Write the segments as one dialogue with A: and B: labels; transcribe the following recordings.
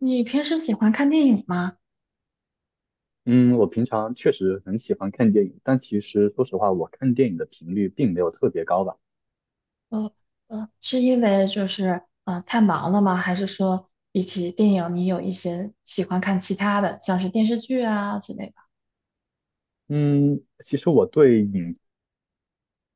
A: 你平时喜欢看电影吗？
B: 嗯，我平常确实很喜欢看电影，但其实说实话，我看电影的频率并没有特别高吧。
A: 呃是因为就是太忙了吗？还是说比起电影，你有一些喜欢看其他的，像是电视剧啊之类的？
B: 嗯，其实我对影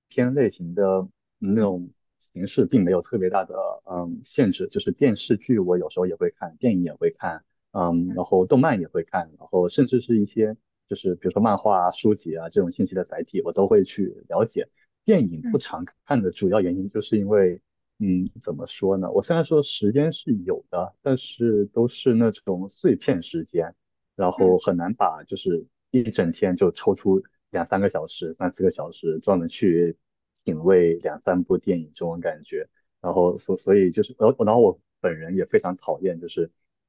B: 片类型的那
A: 嗯
B: 种形式并没有特别大的限制，就是电视剧我有时候也会看，电影也会看，然后动漫也会看，然后甚至是一些就是比如说漫画啊、书籍啊这种信息的载体，我都会去了解。电影不
A: 嗯
B: 常看的主要原因就是因为。怎么说呢？我虽然说时间是有的，但是都是那种碎片时间，然
A: 嗯
B: 后很难把就是一整天就抽出两三个小时、三四个小时，专门去品味两三部电影这种感觉。然后所以就是，然后我本人也非常讨厌，就是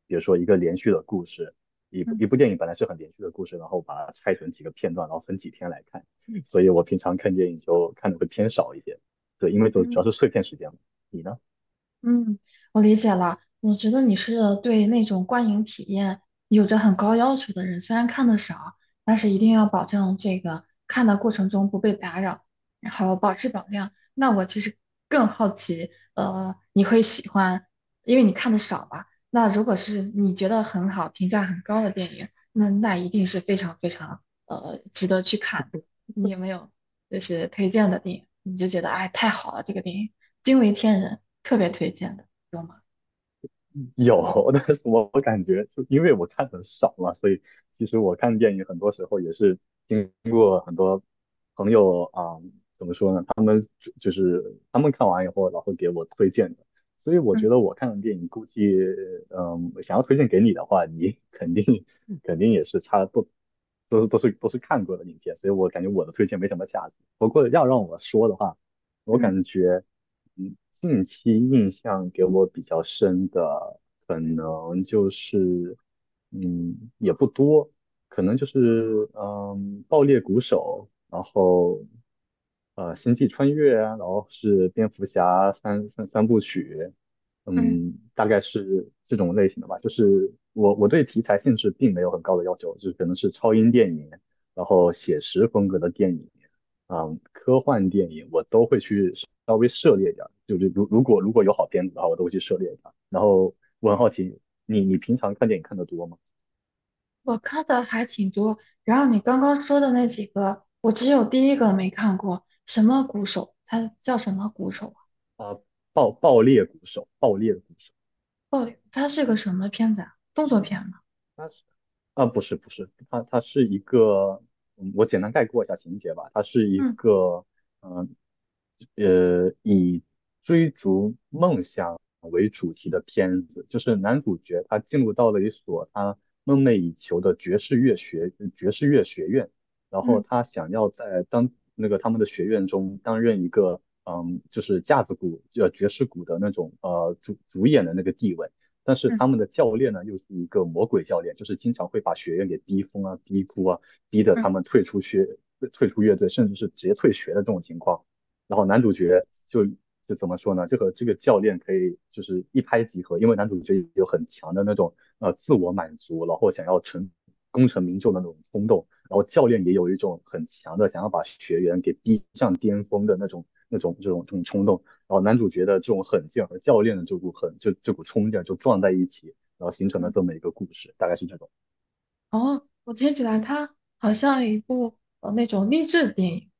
B: 比如说一个连续的故事，一部
A: 嗯
B: 一部电影本来是很连续的故事，然后把它拆成几个片段，然后分几天来看。所以我平常看电影就看的会偏少一些，对，因为就主要
A: 嗯。
B: 是碎片时间嘛。你呢？
A: 嗯，我理解了。我觉得你是对那种观影体验有着很高要求的人，虽然看的少，但是一定要保证这个看的过程中不被打扰，然后保质保量。那我其实更好奇，你会喜欢，因为你看的少吧？那如果是你觉得很好、评价很高的电影，那一定是非常非常值得去看。你有没有就是推荐的电影，你就觉得哎太好了，这个电影惊为天人，特别推荐的，有吗？
B: 有，但是我感觉就因为我看的少嘛，所以其实我看电影很多时候也是。朋友啊，怎么说呢？他们就是他们看完以后，然后给我推荐的。所以我
A: 嗯
B: 觉得我看的电影，估计想要推荐给你的话，你 肯定也是差不都都是都是看过的影片。所以我感觉我的推荐没什么价值。不过要让我说的话，我
A: 嗯
B: 感觉嗯，近期印象给我比较深的，可能就是也不多。可能就是爆裂鼓手，然后星际穿越啊，然后是蝙蝠侠三部曲，
A: 嗯，
B: 大概是这种类型的吧。就是我对题材性质并没有很高的要求，就是可能是超英电影，然后写实风格的电影，科幻电影我都会去稍微涉猎一点儿就是如果有好片子的话，我都会去涉猎一下。然后我很好奇，你平常看电影看的多吗？
A: 我看的还挺多，然后你刚刚说的那几个，我只有第一个没看过，什么鼓手？他叫什么鼓手啊？
B: 啊、爆裂鼓手，爆裂的鼓手，
A: 哦，他是个什么片子啊？动作片吗？
B: 他是不是不是，他是一个，我简单概括一下情节吧，他是一
A: 嗯
B: 个嗯以追逐梦想为主题的片子，就是男主角他进入到了一所他梦寐以求的爵士乐学院。然后
A: 嗯
B: 他想要在当那个他们的学院中担任一个就是架子鼓呃爵士鼓的那种主演的那个地位，但是
A: 嗯
B: 他们的教练呢，又是一个魔鬼教练，就是经常会把学员给逼疯啊、逼哭啊，逼得他
A: 嗯
B: 们退出乐队，甚至是直接退学的这种情况。然后男主角就怎么说呢？这个教练可以就是一拍即合，因为男主角有很强的那种自我满足，然后想要成功成名就的那种冲动。然后教练也有一种很强的想要把学员给逼上巅峰的那种、这种冲动。然后男主角的这种狠劲和教练的这股狠，就这股冲劲就撞在一起，然后形成了
A: 嗯，
B: 这么一个故事，大概是这种。
A: 哦，我听起来它好像一部那种励志电影，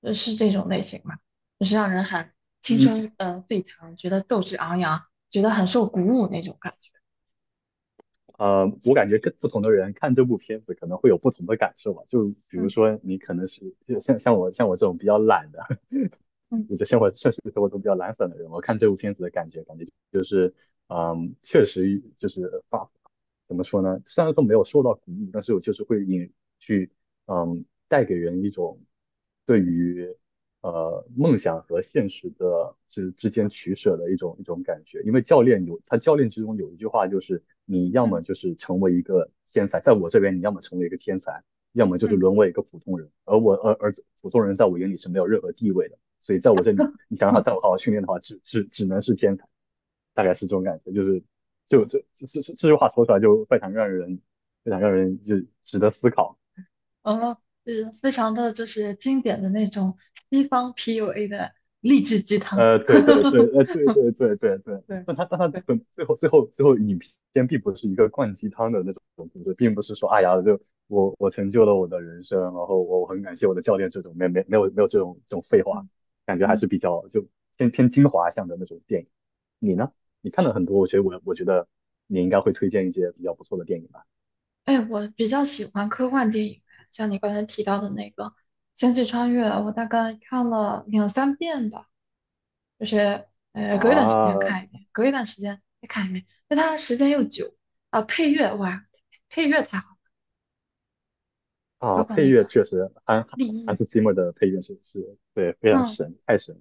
A: 是这种类型嘛，就是让人很青
B: 嗯，
A: 春沸腾，觉得斗志昂扬，觉得很受鼓舞那种感觉。
B: 我感觉跟不同的人看这部片子可能会有不同的感受吧。就比如
A: 嗯
B: 说你可能是像我这种比较懒的，
A: 嗯
B: 我的生活确实生活中比较懒散的人，我看这部片子的感觉，感觉就是确实就是怎么说呢？虽然说没有受到鼓舞，但是我就是会引去嗯带给人一种对于梦想和现实的之间取舍的一种感觉。因为教练之中有一句话就是，你要么
A: 嗯
B: 就是成为一个天才，在我这边你要么成为一个天才，要么就是
A: 嗯，
B: 沦为一个普通人。而我而而普通人在我眼里是没有任何地位的，所以在我这里，你想让他在我好好训练的话，只能是天才，大概是这种感觉，就是。就这句话说出来就非常让人值得思考。
A: 哦，是非常的就是经典的那种西方 PUA 的励志鸡汤。
B: 对对对，对对对对对，
A: 对
B: 但他但他
A: 对，
B: 本最后影片并不是一个灌鸡汤的那种故事，并不是说哎呀，就我成就了我的人生，然后我很感谢我的教练这种没有这种废话，
A: 嗯
B: 感觉还是
A: 嗯，
B: 比较就偏精华向的那种电影。你呢？你看了很多，我觉得你应该会推荐一些比较不错的电影吧？
A: 哎，我比较喜欢科幻电影，像你刚才提到的那个《星际穿越》，我大概看了两三遍吧，就是隔一段时间
B: 啊
A: 看一遍，隔一段时间再看一遍，因为它时间又久啊、配乐哇，配乐太好，包
B: 啊，
A: 括
B: 配
A: 那个
B: 乐确实，韩
A: 立
B: 韩
A: 意，
B: 斯季默的配乐是对非常
A: 嗯，
B: 神，太神了。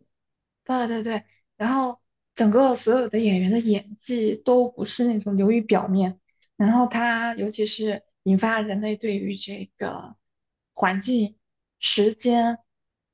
A: 对对对，然后整个所有的演员的演技都不是那种流于表面，然后他尤其是引发人类对于这个环境、时间、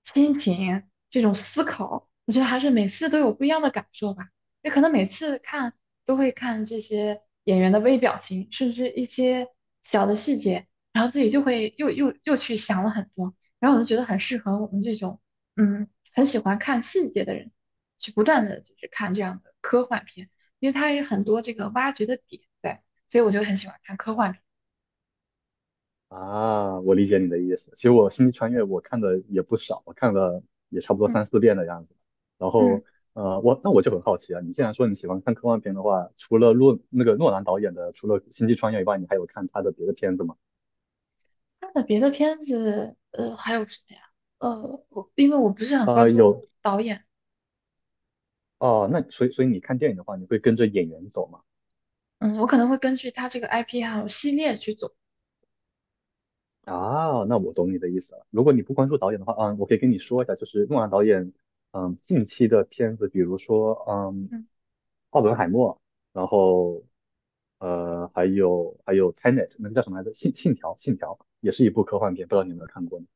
A: 亲情这种思考，我觉得还是每次都有不一样的感受吧。也可能每次看都会看这些演员的微表情，甚至一些小的细节，然后自己就会又去想了很多，然后我就觉得很适合我们这种。嗯，很喜欢看细节的人，去不断的就是看这样的科幻片，因为它有很多这个挖掘的点在，所以我就很喜欢看科幻片。
B: 啊，我理解你的意思。其实我《星际穿越》我看的也不少，我看了也差不多
A: 嗯
B: 三四遍的样子。然
A: 嗯，
B: 后，那我就很好奇啊，你既然说你喜欢看科幻片的话，除了诺那个诺兰导演的，除了《星际穿越》以外，你还有看他的别的片子吗？
A: 他的别的片子，还有什么呀？我因为我不是很关注
B: 有
A: 导演，
B: 哦。那所以你看电影的话，你会跟着演员走吗？
A: 嗯，我可能会根据他这个 IP 还有系列去走。
B: 啊，那我懂你的意思了。如果你不关注导演的话，我可以跟你说一下，就是诺兰导演，近期的片子，比如说，
A: 嗯，
B: 《奥本海默》，然后还有 Tenet，那个叫什么来着？信条，信条也是一部科幻片，不知道你有没有看过呢？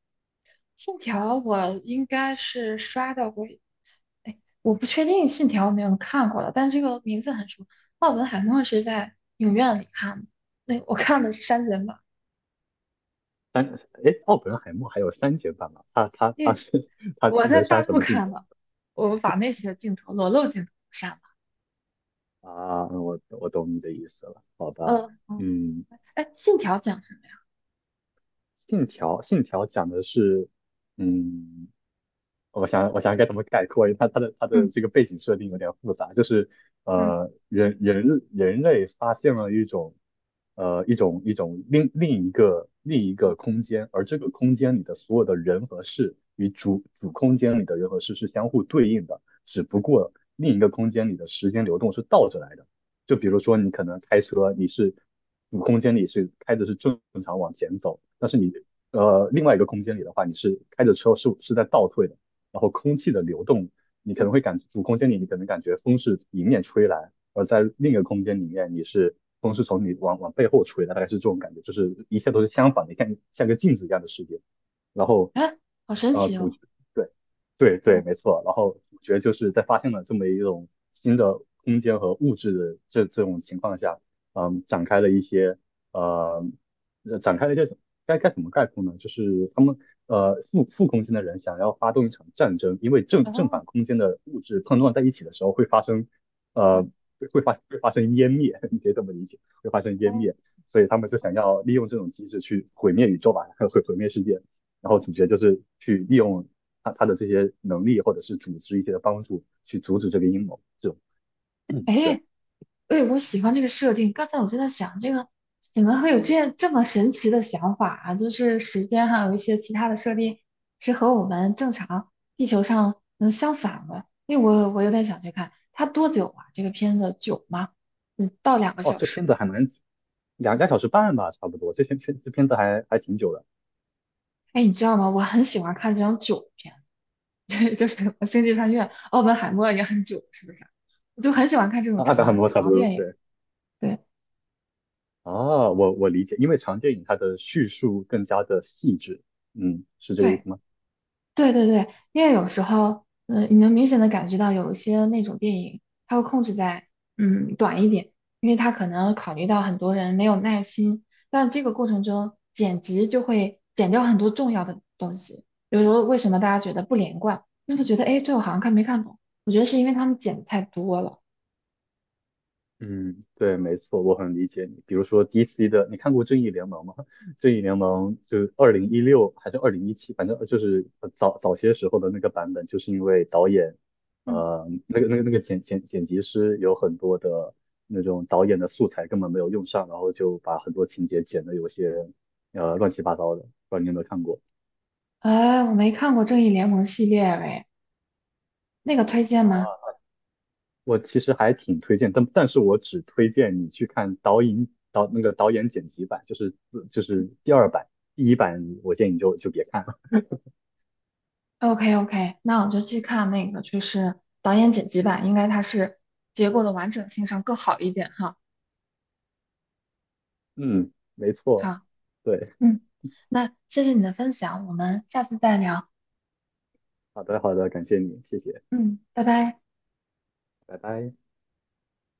A: 信条我应该是刷到过，哎，我不确定信条有没有看过了，但这个名字很熟。奥本海默是在影院里看的，那我看的是删减版，
B: 三，哎，奥本海默还有删减版吗？他他
A: 因
B: 他
A: 为
B: 是 他
A: 我在
B: 能
A: 大
B: 删什
A: 陆
B: 么镜
A: 看
B: 头
A: 的，我把那些镜头裸露镜头删了。
B: 啊？嗯我懂你的意思了，好吧？
A: 嗯嗯，
B: 嗯，
A: 哎，信条讲什么呀？
B: 信条讲的是，嗯。我想该怎么概括，因为它的
A: 嗯
B: 这个背景设定有点复杂，就是
A: 嗯，
B: 人类发现了一种一种另一个空间，而这个空间里的所有的人和事与主空间里的人和事是相互对应的，只不过另一个空间里的时间流动是倒着来的。就比如说你可能开车，你是主空间里是开的是正常往前走，但是你另外一个空间里的话，你是开着车是在倒退的。然后空气的流动，你可能会感主空间里你可能感觉风是迎面吹来，而在另一个空间里面你是风是从你往背后吹的，大概是这种感觉，就是一切都是相反的，像个镜子一样的世界。然后，
A: 哎，好神奇
B: 主
A: 哦。
B: 角对对对，没
A: 嗯
B: 错。然后主角就是在发现了这么一种新的空间和物质的这种情况下，嗯，展开了一些呃展开了一个该怎么概括呢？就是他们负空间的人想要发动一场战争，因为正
A: 哦
B: 反空间的物质碰撞在一起的时候会发生
A: 哦
B: 呃会发生湮灭，你可以这么理解，会发生湮
A: 哦，
B: 灭，所以他们就想要利用这种机制去毁灭宇宙吧，毁灭世界。然后主角就是去利用他的这些能力或者是组织一些的帮助去阻止这个阴谋。这种 对
A: 哎哎，我喜欢这个设定。刚才我就在想，这个怎么会有这样这么神奇的想法啊？就是时间还有一些其他的设定是和我们正常地球上能相反的。因为我有点想去看它多久啊？这个片子久吗？嗯，到两个
B: 哦，
A: 小
B: 这
A: 时。
B: 片子还蛮两个小时半吧，差不多，这片子还挺久的。
A: 哎，你知道吗？我很喜欢看这种久片，对，就是 什么《星际穿越》《奥本海默》也很久，是不是？我就很喜欢看这 种
B: 啊，达尔
A: 长
B: 摩差不
A: 长
B: 多，
A: 电影。
B: 对，
A: 对
B: 啊，我理解，因为长电影它的叙述更加的细致，是这个意
A: 对
B: 思吗？
A: 对对对，因为有时候，嗯、你能明显的感觉到有一些那种电影，它会控制在短一点，因为它可能考虑到很多人没有耐心，但这个过程中剪辑就会剪掉很多重要的东西。比如说，为什么大家觉得不连贯？那会觉得哎，诶这我好像看没看懂？我觉得是因为他们剪得太多了。
B: 嗯，对，没错，我很理解你。比如说 DC 的，你看过《正义联盟》吗？《正义联盟》就2016还是2017，反正就是早些时候的那个版本，就是因为导演，
A: 嗯，
B: 那个剪辑师有很多的那种导演的素材根本没有用上，然后就把很多情节剪的有些乱七八糟的，不知道你有没有看过？
A: 哎，我没看过《正义联盟》系列喂，那个推荐吗
B: 我其实还挺推荐，但是我只推荐你去看导演导那个导演剪辑版，就是第二版，第一版我建议你就别看了。
A: ？OK OK，那我就去看那个，就是导演剪辑版，应该它是结构的完整性上更好一点哈。
B: 嗯，没错，
A: 好，
B: 对，
A: 嗯，那谢谢你的分享，我们下次再聊，
B: 好的好的，感谢你，谢谢，
A: 嗯，拜拜。
B: 拜拜。